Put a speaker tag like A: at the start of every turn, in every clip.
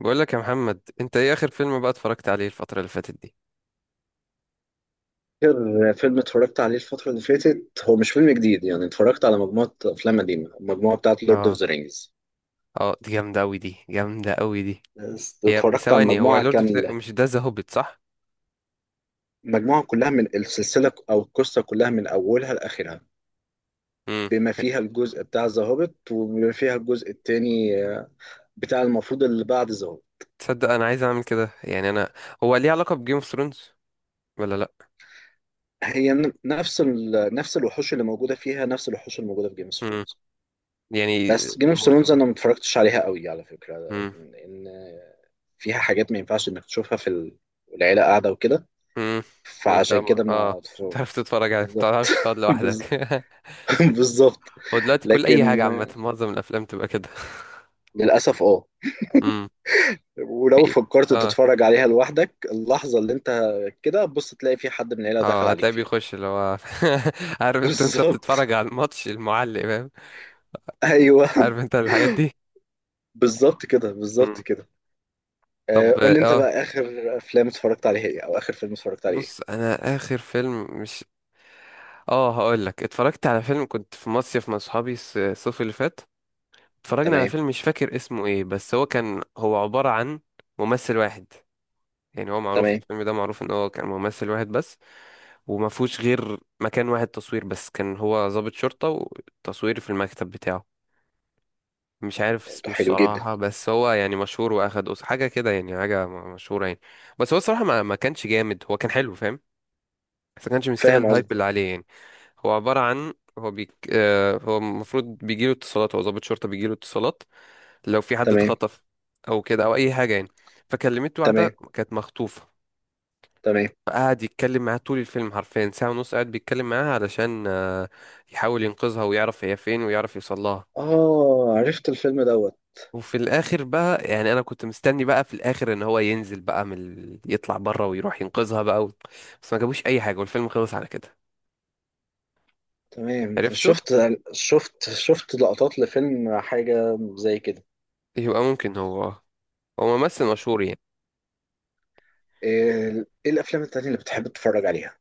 A: بقول لك يا محمد، انت ايه اخر فيلم بقى اتفرجت عليه الفترة اللي فاتت دي؟
B: آخر فيلم اتفرجت عليه الفترة اللي فاتت هو مش فيلم جديد، يعني اتفرجت على مجموعة أفلام قديمة، المجموعة بتاعت لورد أوف
A: اه،
B: ذا رينجز.
A: اه، دي جامدة قوي، دي جامدة قوي دي. هي،
B: اتفرجت على
A: ثواني، هو
B: المجموعة
A: لورد اوف،
B: كاملة.
A: مش ده، ذا هوبيت، صح؟
B: المجموعة كلها من السلسلة، أو القصة كلها من أولها لآخرها،
A: امم.
B: بما فيها الجزء بتاع ذا هوبيت، وبما فيها الجزء التاني بتاع المفروض اللي بعد ذا هوبيت.
A: تصدق انا عايز اعمل كده، يعني انا. هو ليه علاقة بجيم اوف ثرونز ولا لا؟
B: هي نفس نفس الوحوش اللي موجودة فيها، نفس الوحوش اللي موجودة في جيم اوف.
A: امم. يعني
B: بس جيم اوف ثرونز
A: مرتبط.
B: انا ما اتفرجتش عليها قوي على فكره،
A: امم.
B: لان فيها حاجات ما ينفعش انك تشوفها في العيله قاعده وكده.
A: امم. وانت
B: فعشان كده ما
A: مش
B: اتف-
A: بتعرف تتفرج عليه، ما
B: بالظبط.
A: بتعرفش تقعد لوحدك.
B: بز- بالظبط.
A: هو دلوقتي كل
B: لكن
A: اي حاجة، عامة معظم الافلام تبقى كده.
B: للاسف اه
A: امم.
B: ولو
A: في-
B: فكرت
A: اه
B: تتفرج عليها لوحدك، اللحظه اللي انت كده، بص تلاقي في حد من العيله دخل
A: اه
B: عليك
A: هتلاقيه
B: فيها.
A: بيخش اللي هو. عارف، انت
B: بالظبط.
A: بتتفرج على الماتش المعلق، فاهم؟
B: ايوه.
A: عارف انت الحاجات دي.
B: بالظبط كده،
A: مم.
B: بالظبط كده.
A: طب،
B: قول لي انت بقى، اخر افلام اتفرجت عليها ايه؟ او اخر فيلم اتفرجت عليه ايه؟
A: بص انا اخر فيلم مش... اه هقول لك، اتفرجت على فيلم، كنت في مصيف مع صحابي الصيف اللي فات. اتفرجنا على
B: تمام.
A: فيلم مش فاكر اسمه ايه، بس هو كان، هو عبارة عن ممثل واحد. يعني هو معروف،
B: تمام.
A: الفيلم ده معروف ان هو كان ممثل واحد بس، وما فيهوش غير مكان واحد تصوير بس. كان هو ضابط شرطة والتصوير في المكتب بتاعه. مش عارف
B: ده
A: اسمه
B: حلو جدا.
A: الصراحة، بس هو يعني مشهور، واخد أوسcar حاجة كده، يعني حاجة مشهورة يعني. بس هو الصراحة ما كانش جامد، هو كان حلو فاهم، بس ما كانش مستاهل
B: فاهم
A: الهايب اللي
B: قصدك.
A: عليه يعني. هو عبارة عن، هو بيك هو المفروض بيجيله اتصالات، هو ضابط شرطة بيجيله اتصالات لو في حد
B: تمام.
A: اتخطف أو كده أو أي حاجة يعني. فكلمت
B: تمام.
A: واحدة كانت مخطوفة،
B: تمام.
A: فقعد يتكلم معاها طول الفيلم، حرفيا ساعة ونص قاعد بيتكلم معاها علشان يحاول ينقذها ويعرف هي فين ويعرف يوصلها.
B: اه، عرفت الفيلم دوت.
A: وفي الاخر بقى، يعني انا كنت مستني بقى في الاخر ان هو ينزل بقى من ال يطلع بره ويروح ينقذها بقى و بس ما جابوش اي حاجه، والفيلم خلص على كده.
B: تمام،
A: عرفته.
B: شفت. شفت لقطات لفيلم، حاجة زي كده.
A: يبقى ممكن هو ممثل مشهور يعني.
B: إيه الافلام التانية اللي بتحب تتفرج عليها؟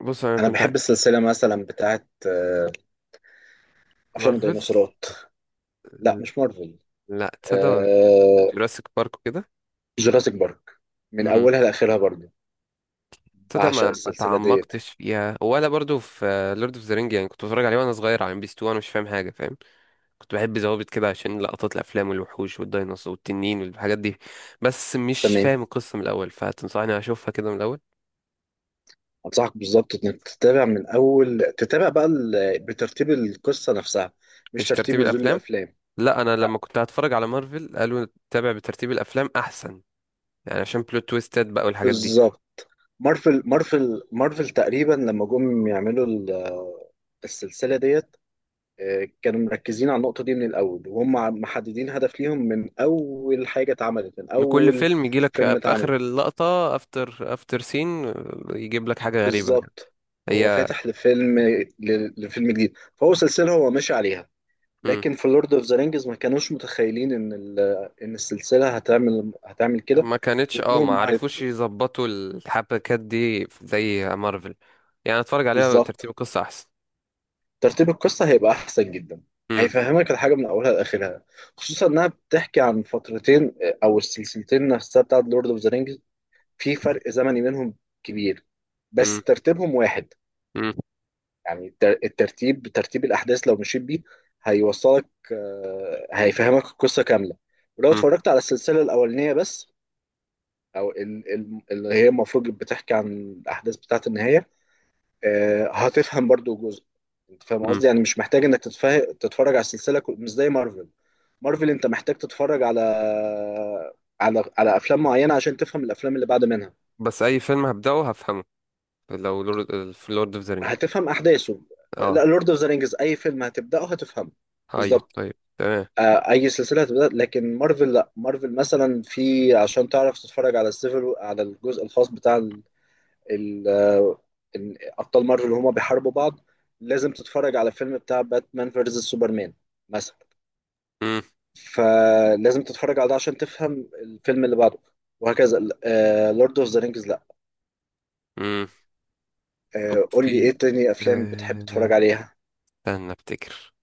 A: بص انا
B: انا
A: كنت
B: بحب السلسلة مثلا بتاعت افلام
A: مارفل؟
B: الديناصورات. لا مش مارفل.
A: لا، تصدق،
B: آه،
A: جوراسيك بارك وكده.
B: جوراسيك بارك، من
A: امم.
B: اولها لاخرها برضه.
A: تصدق
B: بعشق
A: ما
B: السلسلة ديت.
A: تعمقتش فيها، ولا برضو في لورد اوف ذا رينج. يعني كنت بتفرج عليه وانا صغير على ام بي 2 وانا مش فاهم حاجه فاهم. كنت بحب زوابط كده عشان لقطات الافلام والوحوش والديناصور والتنين والحاجات دي. بس مش
B: تمام.
A: فاهم القصه من الاول، فتنصحني اشوفها كده من الاول؟
B: انصحك بالظبط انك تتابع من اول، تتابع بقى بترتيب القصه نفسها، مش
A: مش
B: ترتيب
A: ترتيب
B: نزول
A: الافلام.
B: الافلام.
A: لا، انا
B: لا.
A: لما كنت هتفرج على مارفل قالوا تابع بترتيب الافلام احسن، يعني عشان بلوت تويستات بقى والحاجات دي.
B: بالظبط. مارفل مارفل مارفل تقريبا لما جم يعملوا السلسله ديت. كانوا مركزين على النقطه دي من الاول، وهم محددين هدف ليهم من اول حاجه اتعملت، من
A: إن كل
B: اول
A: فيلم يجي لك
B: فيلم
A: في
B: اتعمل.
A: اخر اللقطه افتر افتر سين، يجيب لك حاجه غريبه.
B: بالظبط. هو
A: هي.
B: فاتح لفيلم لفيلم جديد، فهو سلسله هو ماشي عليها.
A: مم.
B: لكن في لورد اوف ذا رينجز ما كانوش متخيلين ان ان السلسله هتعمل كده،
A: ما كانتش، ما
B: وانهم
A: عرفوش يظبطوا الحبكات دي زي مارفل. يعني اتفرج عليها ترتيب
B: بالظبط.
A: القصه احسن.
B: ترتيب القصه هيبقى احسن جدا،
A: مم.
B: هيفهمك الحاجه من اولها لاخرها. خصوصا انها بتحكي عن فترتين، او السلسلتين نفسها بتاعت لورد اوف ذا رينجز، في فرق زمني بينهم كبير، بس
A: مم.
B: ترتيبهم واحد.
A: مم.
B: يعني الترتيب، ترتيب الاحداث لو مشيت بيه هيوصلك، هيفهمك القصه كامله. ولو
A: مم.
B: اتفرجت على السلسله الاولانيه بس، او اللي هي المفروض بتحكي عن الاحداث بتاعه النهايه، هتفهم برضو جزء. انت فاهم
A: مم.
B: قصدي، يعني مش محتاج انك تتفرج على السلسله، مش زي مارفل. مارفل انت محتاج تتفرج على على افلام معينه عشان تفهم الافلام اللي بعد منها.
A: بس اي فيلم هبدأه هفهمه، لو لورد، في لورد اوف ذا رينج.
B: هتفهم احداثه. لا،
A: اه،
B: لورد اوف ذا رينجز اي فيلم هتبداه هتفهمه.
A: ايوه،
B: بالظبط.
A: طيب تمام.
B: آه، اي سلسله هتبدا، لكن مارفل لا، مارفل مثلا في عشان تعرف تتفرج على السيفل، على الجزء الخاص بتاع ال- آه، ابطال مارفل اللي هما بيحاربوا بعض، لازم تتفرج على فيلم بتاع باتمان فيرسس سوبرمان مثلا.
A: مم.
B: فلازم تتفرج على ده عشان تفهم الفيلم اللي بعده، وهكذا. لورد اوف ذا رينجز لا.
A: مم. طب
B: قول لي ايه
A: في
B: تاني افلام بتحب تتفرج
A: آه،
B: عليها؟
A: استنى افتكر.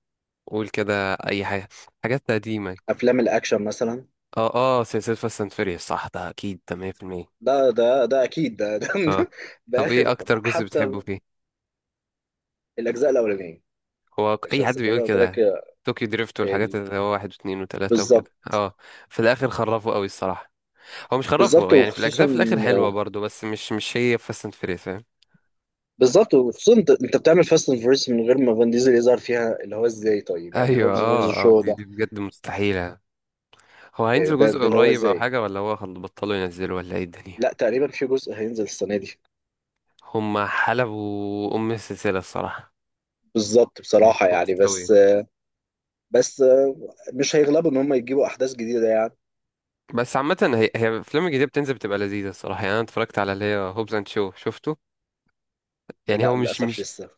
A: قول كده اي حاجه، حاجات قديمه.
B: افلام الاكشن مثلا.
A: اه، اه، سلسله فاست اند فيريوس، صح؟ ده اكيد ده 100%.
B: ده اكيد،
A: اه.
B: ده, ده
A: طب ايه
B: اخر.
A: اكتر جزء بتحبه
B: حتى
A: فيه؟
B: الاجزاء الاولانيه.
A: هو
B: مش
A: اي حد
B: هصدقني
A: بيقول
B: لو قلت لك.
A: كده. طوكيو دريفت والحاجات
B: ال-
A: اللي هو واحد واثنين وثلاثة
B: بالظبط.
A: وكده، اه. في الاخر خرفوا قوي الصراحة. هو مش
B: بالظبط
A: خرفوا يعني، في
B: وخصوصا،
A: الاجزاء في الاخر حلوة برضو، بس مش هي فاست اند فيريوس.
B: بالظبط وخصوصا انت، بتعمل فاست اند فيرس من غير ما فان ديزل يظهر فيها، اللي هو ازاي طيب، يعني
A: ايوه،
B: هوبز فيرس
A: اه، اه،
B: شو
A: دي،
B: ده؟
A: بجد مستحيلة. هو
B: إيه
A: هينزل
B: ده؟
A: جزء
B: اللي هو
A: قريب او
B: ازاي؟
A: حاجة، ولا هو بطلوا ينزلوا ولا ايه الدنيا؟
B: لا، تقريبا في جزء هينزل السنه دي.
A: هما حلبوا ام السلسلة الصراحة،
B: بالظبط
A: يعني
B: بصراحه يعني.
A: مطت قوي.
B: بس بس مش هيغلبوا ان هم يجيبوا احداث جديده يعني.
A: بس عامة، هي، الافلام الجديدة بتنزل بتبقى لذيذة الصراحة، يعني انا اتفرجت على اللي هي هوبز اند شو شفته. يعني هو
B: لا للاسف
A: مش.
B: لسه،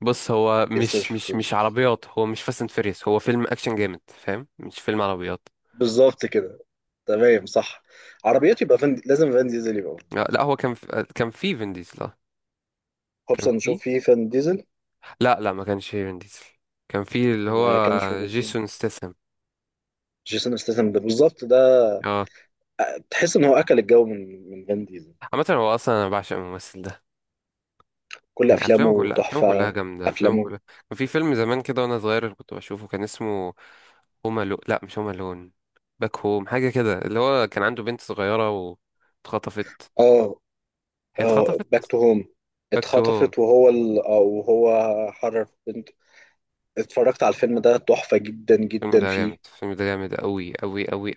A: بص هو
B: لسه مش شفتوش.
A: مش عربيات. هو مش فاست اند فيريس، هو فيلم اكشن جامد فاهم، مش فيلم عربيات.
B: بالظبط كده. تمام صح. عربيات، يبقى فن، لازم فان ديزل يبقى.
A: لا، لا، هو كان في كان في فين ديزل آه.
B: هوبس
A: كان
B: نشوف
A: في.
B: فيه فان ديزل.
A: لا، لا، ما كانش فيه فين ديزل. كان في اللي
B: ما
A: هو
B: كانش موجود فيه.
A: جيسون ستاثام.
B: جيسون استاثام ده، بالظبط ده.
A: اه.
B: تحس ان هو اكل الجو من فان ديزل.
A: عامة هو اصلا انا بعشق الممثل ده،
B: كل
A: يعني افلامه
B: افلامه
A: كلها، افلامه كلها
B: تحفه.
A: جامدة، افلامه
B: افلامه.
A: كلها. كان في فيلم زمان كده وانا صغير اللي كنت بشوفه، كان اسمه هوم لو لا، مش هوم لون، باك هوم، حاجة كده. اللي هو كان عنده بنت صغيرة واتخطفت.
B: اه
A: هي
B: اه.
A: اتخطفت.
B: باك تو هوم.
A: باك تو هوم.
B: اتخطفت، وهو او هو حرر بنت. اتفرجت على الفيلم ده، تحفه جدا
A: الفيلم
B: جدا
A: ده جامد،
B: فيه.
A: الفيلم ده جامد قوي قوي قوي.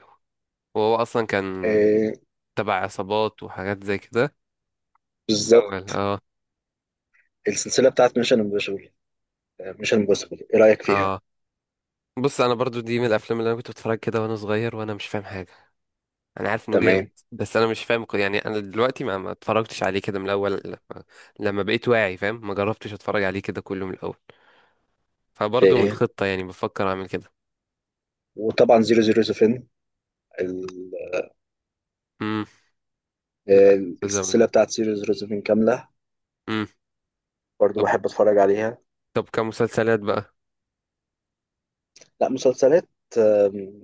A: وهو اصلا كان
B: آه
A: تبع عصابات وحاجات زي كده في الاول.
B: بالظبط.
A: اه.
B: السلسله بتاعت ميشن امبوسيبل، ميشن امبوسيبل، ايه رايك فيها؟
A: اه، بص انا برضو دي من الافلام اللي انا كنت بتفرج كده وانا صغير وانا مش فاهم حاجة. انا عارف انه جامد،
B: تمام.
A: بس انا مش فاهم يعني. انا دلوقتي ما اتفرجتش عليه كده من الاول، لما بقيت واعي فاهم، ما جربتش اتفرج عليه كده كله من الاول.
B: في
A: فبرضه من
B: إيه؟
A: الخطة، يعني بفكر اعمل كده.
B: وطبعا 007 ال...
A: امم. لا،
B: آه،
A: تزمن.
B: السلسله بتاعت 007 كامله،
A: امم.
B: برضو
A: طب،
B: بحب اتفرج عليها.
A: كمسلسلات بقى.
B: لا، مسلسلات. آم،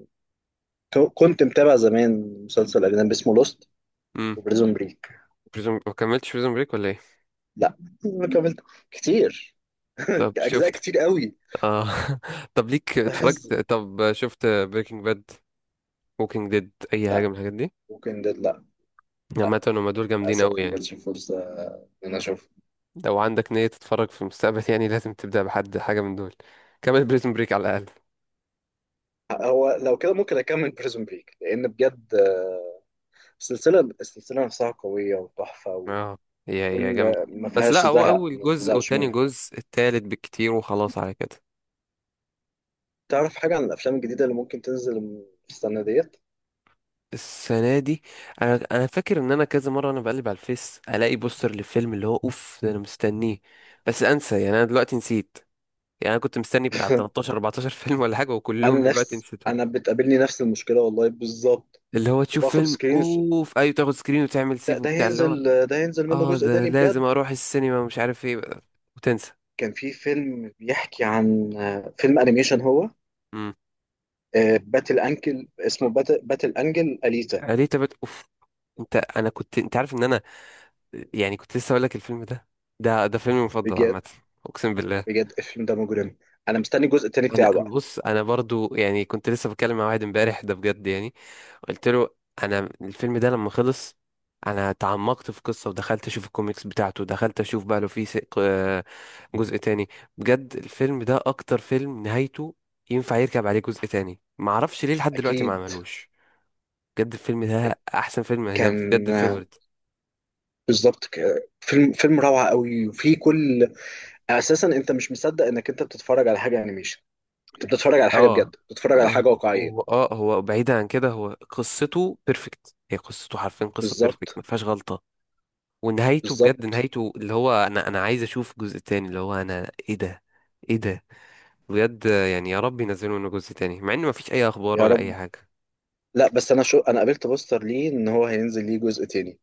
B: كنت متابع زمان مسلسل اجنبي اسمه لوست،
A: امم.
B: وبريزون بريك.
A: بريزون، ما كملتش بريزون بريك ولا ايه؟
B: لا، ما كملت كتير.
A: طب
B: اجزاء
A: شفت.
B: كتير قوي.
A: اه. طب ليك
B: بس.
A: اتفرجت، طب شفت بريكنج باد ووكينج ديد اي حاجة
B: لا.
A: من الحاجات دي؟
B: ممكن ده لا. لا
A: عامة هما دول جامدين قوي
B: للاسف ما
A: يعني.
B: جاتش فرصه ان انا اشوف.
A: لو عندك نية تتفرج في المستقبل، يعني لازم تبدأ بحد حاجة من دول. كمل بريزون بريك على الأقل.
B: هو لو كده ممكن اكمل بريزون بريك، لان بجد السلسله نفسها قويه وتحفه،
A: اه، هي
B: وكل
A: جامدة.
B: ما
A: بس
B: فيهاش
A: لا، هو
B: زهق،
A: أول
B: ما
A: جزء
B: تزهقش
A: وتاني
B: منها.
A: جزء التالت بالكتير وخلاص على كده.
B: تعرف حاجه عن الافلام الجديده اللي ممكن تنزل السنه ديت؟
A: السنة دي، أنا فاكر إن أنا كذا مرة أنا بقلب على الفيس ألاقي بوستر للفيلم اللي هو أوف ده، أنا مستنيه، بس أنسى. يعني أنا دلوقتي نسيت. يعني أنا كنت مستني بتاع 13 14 فيلم ولا حاجة،
B: انا
A: وكلهم دلوقتي
B: نفس
A: نسيتهم.
B: انا بتقابلني نفس المشكله، والله بالظبط.
A: اللي هو تشوف
B: وباخد
A: فيلم
B: سكرين
A: أوف أيوة، تاخد سكرين وتعمل سيف وبتاع اللي هو،
B: ده هينزل منه
A: أه
B: جزء
A: ده
B: تاني
A: لازم
B: بجد.
A: أروح السينما ومش عارف إيه، وتنسى.
B: كان في فيلم بيحكي عن، فيلم انيميشن هو.
A: امم.
B: باتل انكل اسمه باتل انجل اليتا،
A: ليه تبت أوف. أنت عارف إن أنا، يعني كنت لسه اقول لك الفيلم ده. ده فيلمي المفضل
B: بجد.
A: عامه. اقسم بالله.
B: بجد الفيلم ده مجرم. انا مستني الجزء التاني
A: انا،
B: بتاعه بقى.
A: بص انا برضو، يعني كنت لسه بتكلم مع واحد امبارح ده بجد يعني. قلت له، انا الفيلم ده لما خلص، انا تعمقت في القصه، ودخلت اشوف الكوميكس بتاعته. دخلت اشوف بقى لو في جزء تاني. بجد الفيلم ده اكتر فيلم نهايته ينفع يركب عليه جزء تاني، معرفش ليه لحد دلوقتي ما
B: اكيد.
A: عملوش. بجد الفيلم ده احسن فيلم، ده
B: كان.
A: بجد favorite.
B: بالظبط. فيلم روعة قوي. وفي كل اساسا انت مش مصدق انك انت بتتفرج على حاجة انيميشن، انت بتتفرج على حاجه
A: اه.
B: بجد، بتتفرج على
A: هو
B: حاجه واقعيه.
A: هو بعيدا عن كده، هو قصته بيرفكت. هي قصته حرفيا قصة بيرفكت،
B: بالظبط.
A: ما فيهاش غلطة. ونهايته بجد،
B: بالظبط.
A: نهايته اللي هو انا، عايز اشوف جزء تاني. اللي هو انا، ايه ده، ايه ده! بجد يعني يا رب ينزلوا منه جزء تاني، مع ان ما فيش اي اخبار
B: يا
A: ولا اي
B: رب.
A: حاجة.
B: لا، بس انا قابلت بوستر ليه ان هو هينزل ليه جزء تاني.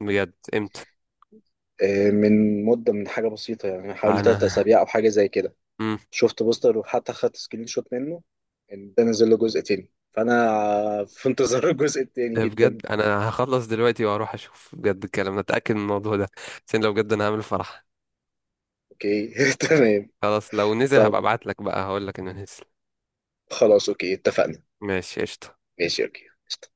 A: بجد امتى؟
B: من مده، من حاجه بسيطه يعني، حوالي ثلاث
A: انا.
B: اسابيع او حاجه زي كده.
A: امم.
B: شفت بوستر وحتى خدت سكرين شوت منه، ان ده نزل له جزء تاني، فانا في انتظار الجزء التاني
A: ده
B: جدا.
A: بجد، انا هخلص دلوقتي واروح اشوف بجد الكلام ده، اتاكد من الموضوع ده، عشان لو بجد انا هعمل فرح.
B: اوكي. تمام.
A: خلاص لو نزل هبقى
B: طب
A: ابعت لك بقى هقول لك انه نزل.
B: خلاص، اوكي، اتفقنا.
A: ماشي، قشطة.
B: ماشي، اوكي، قشطة.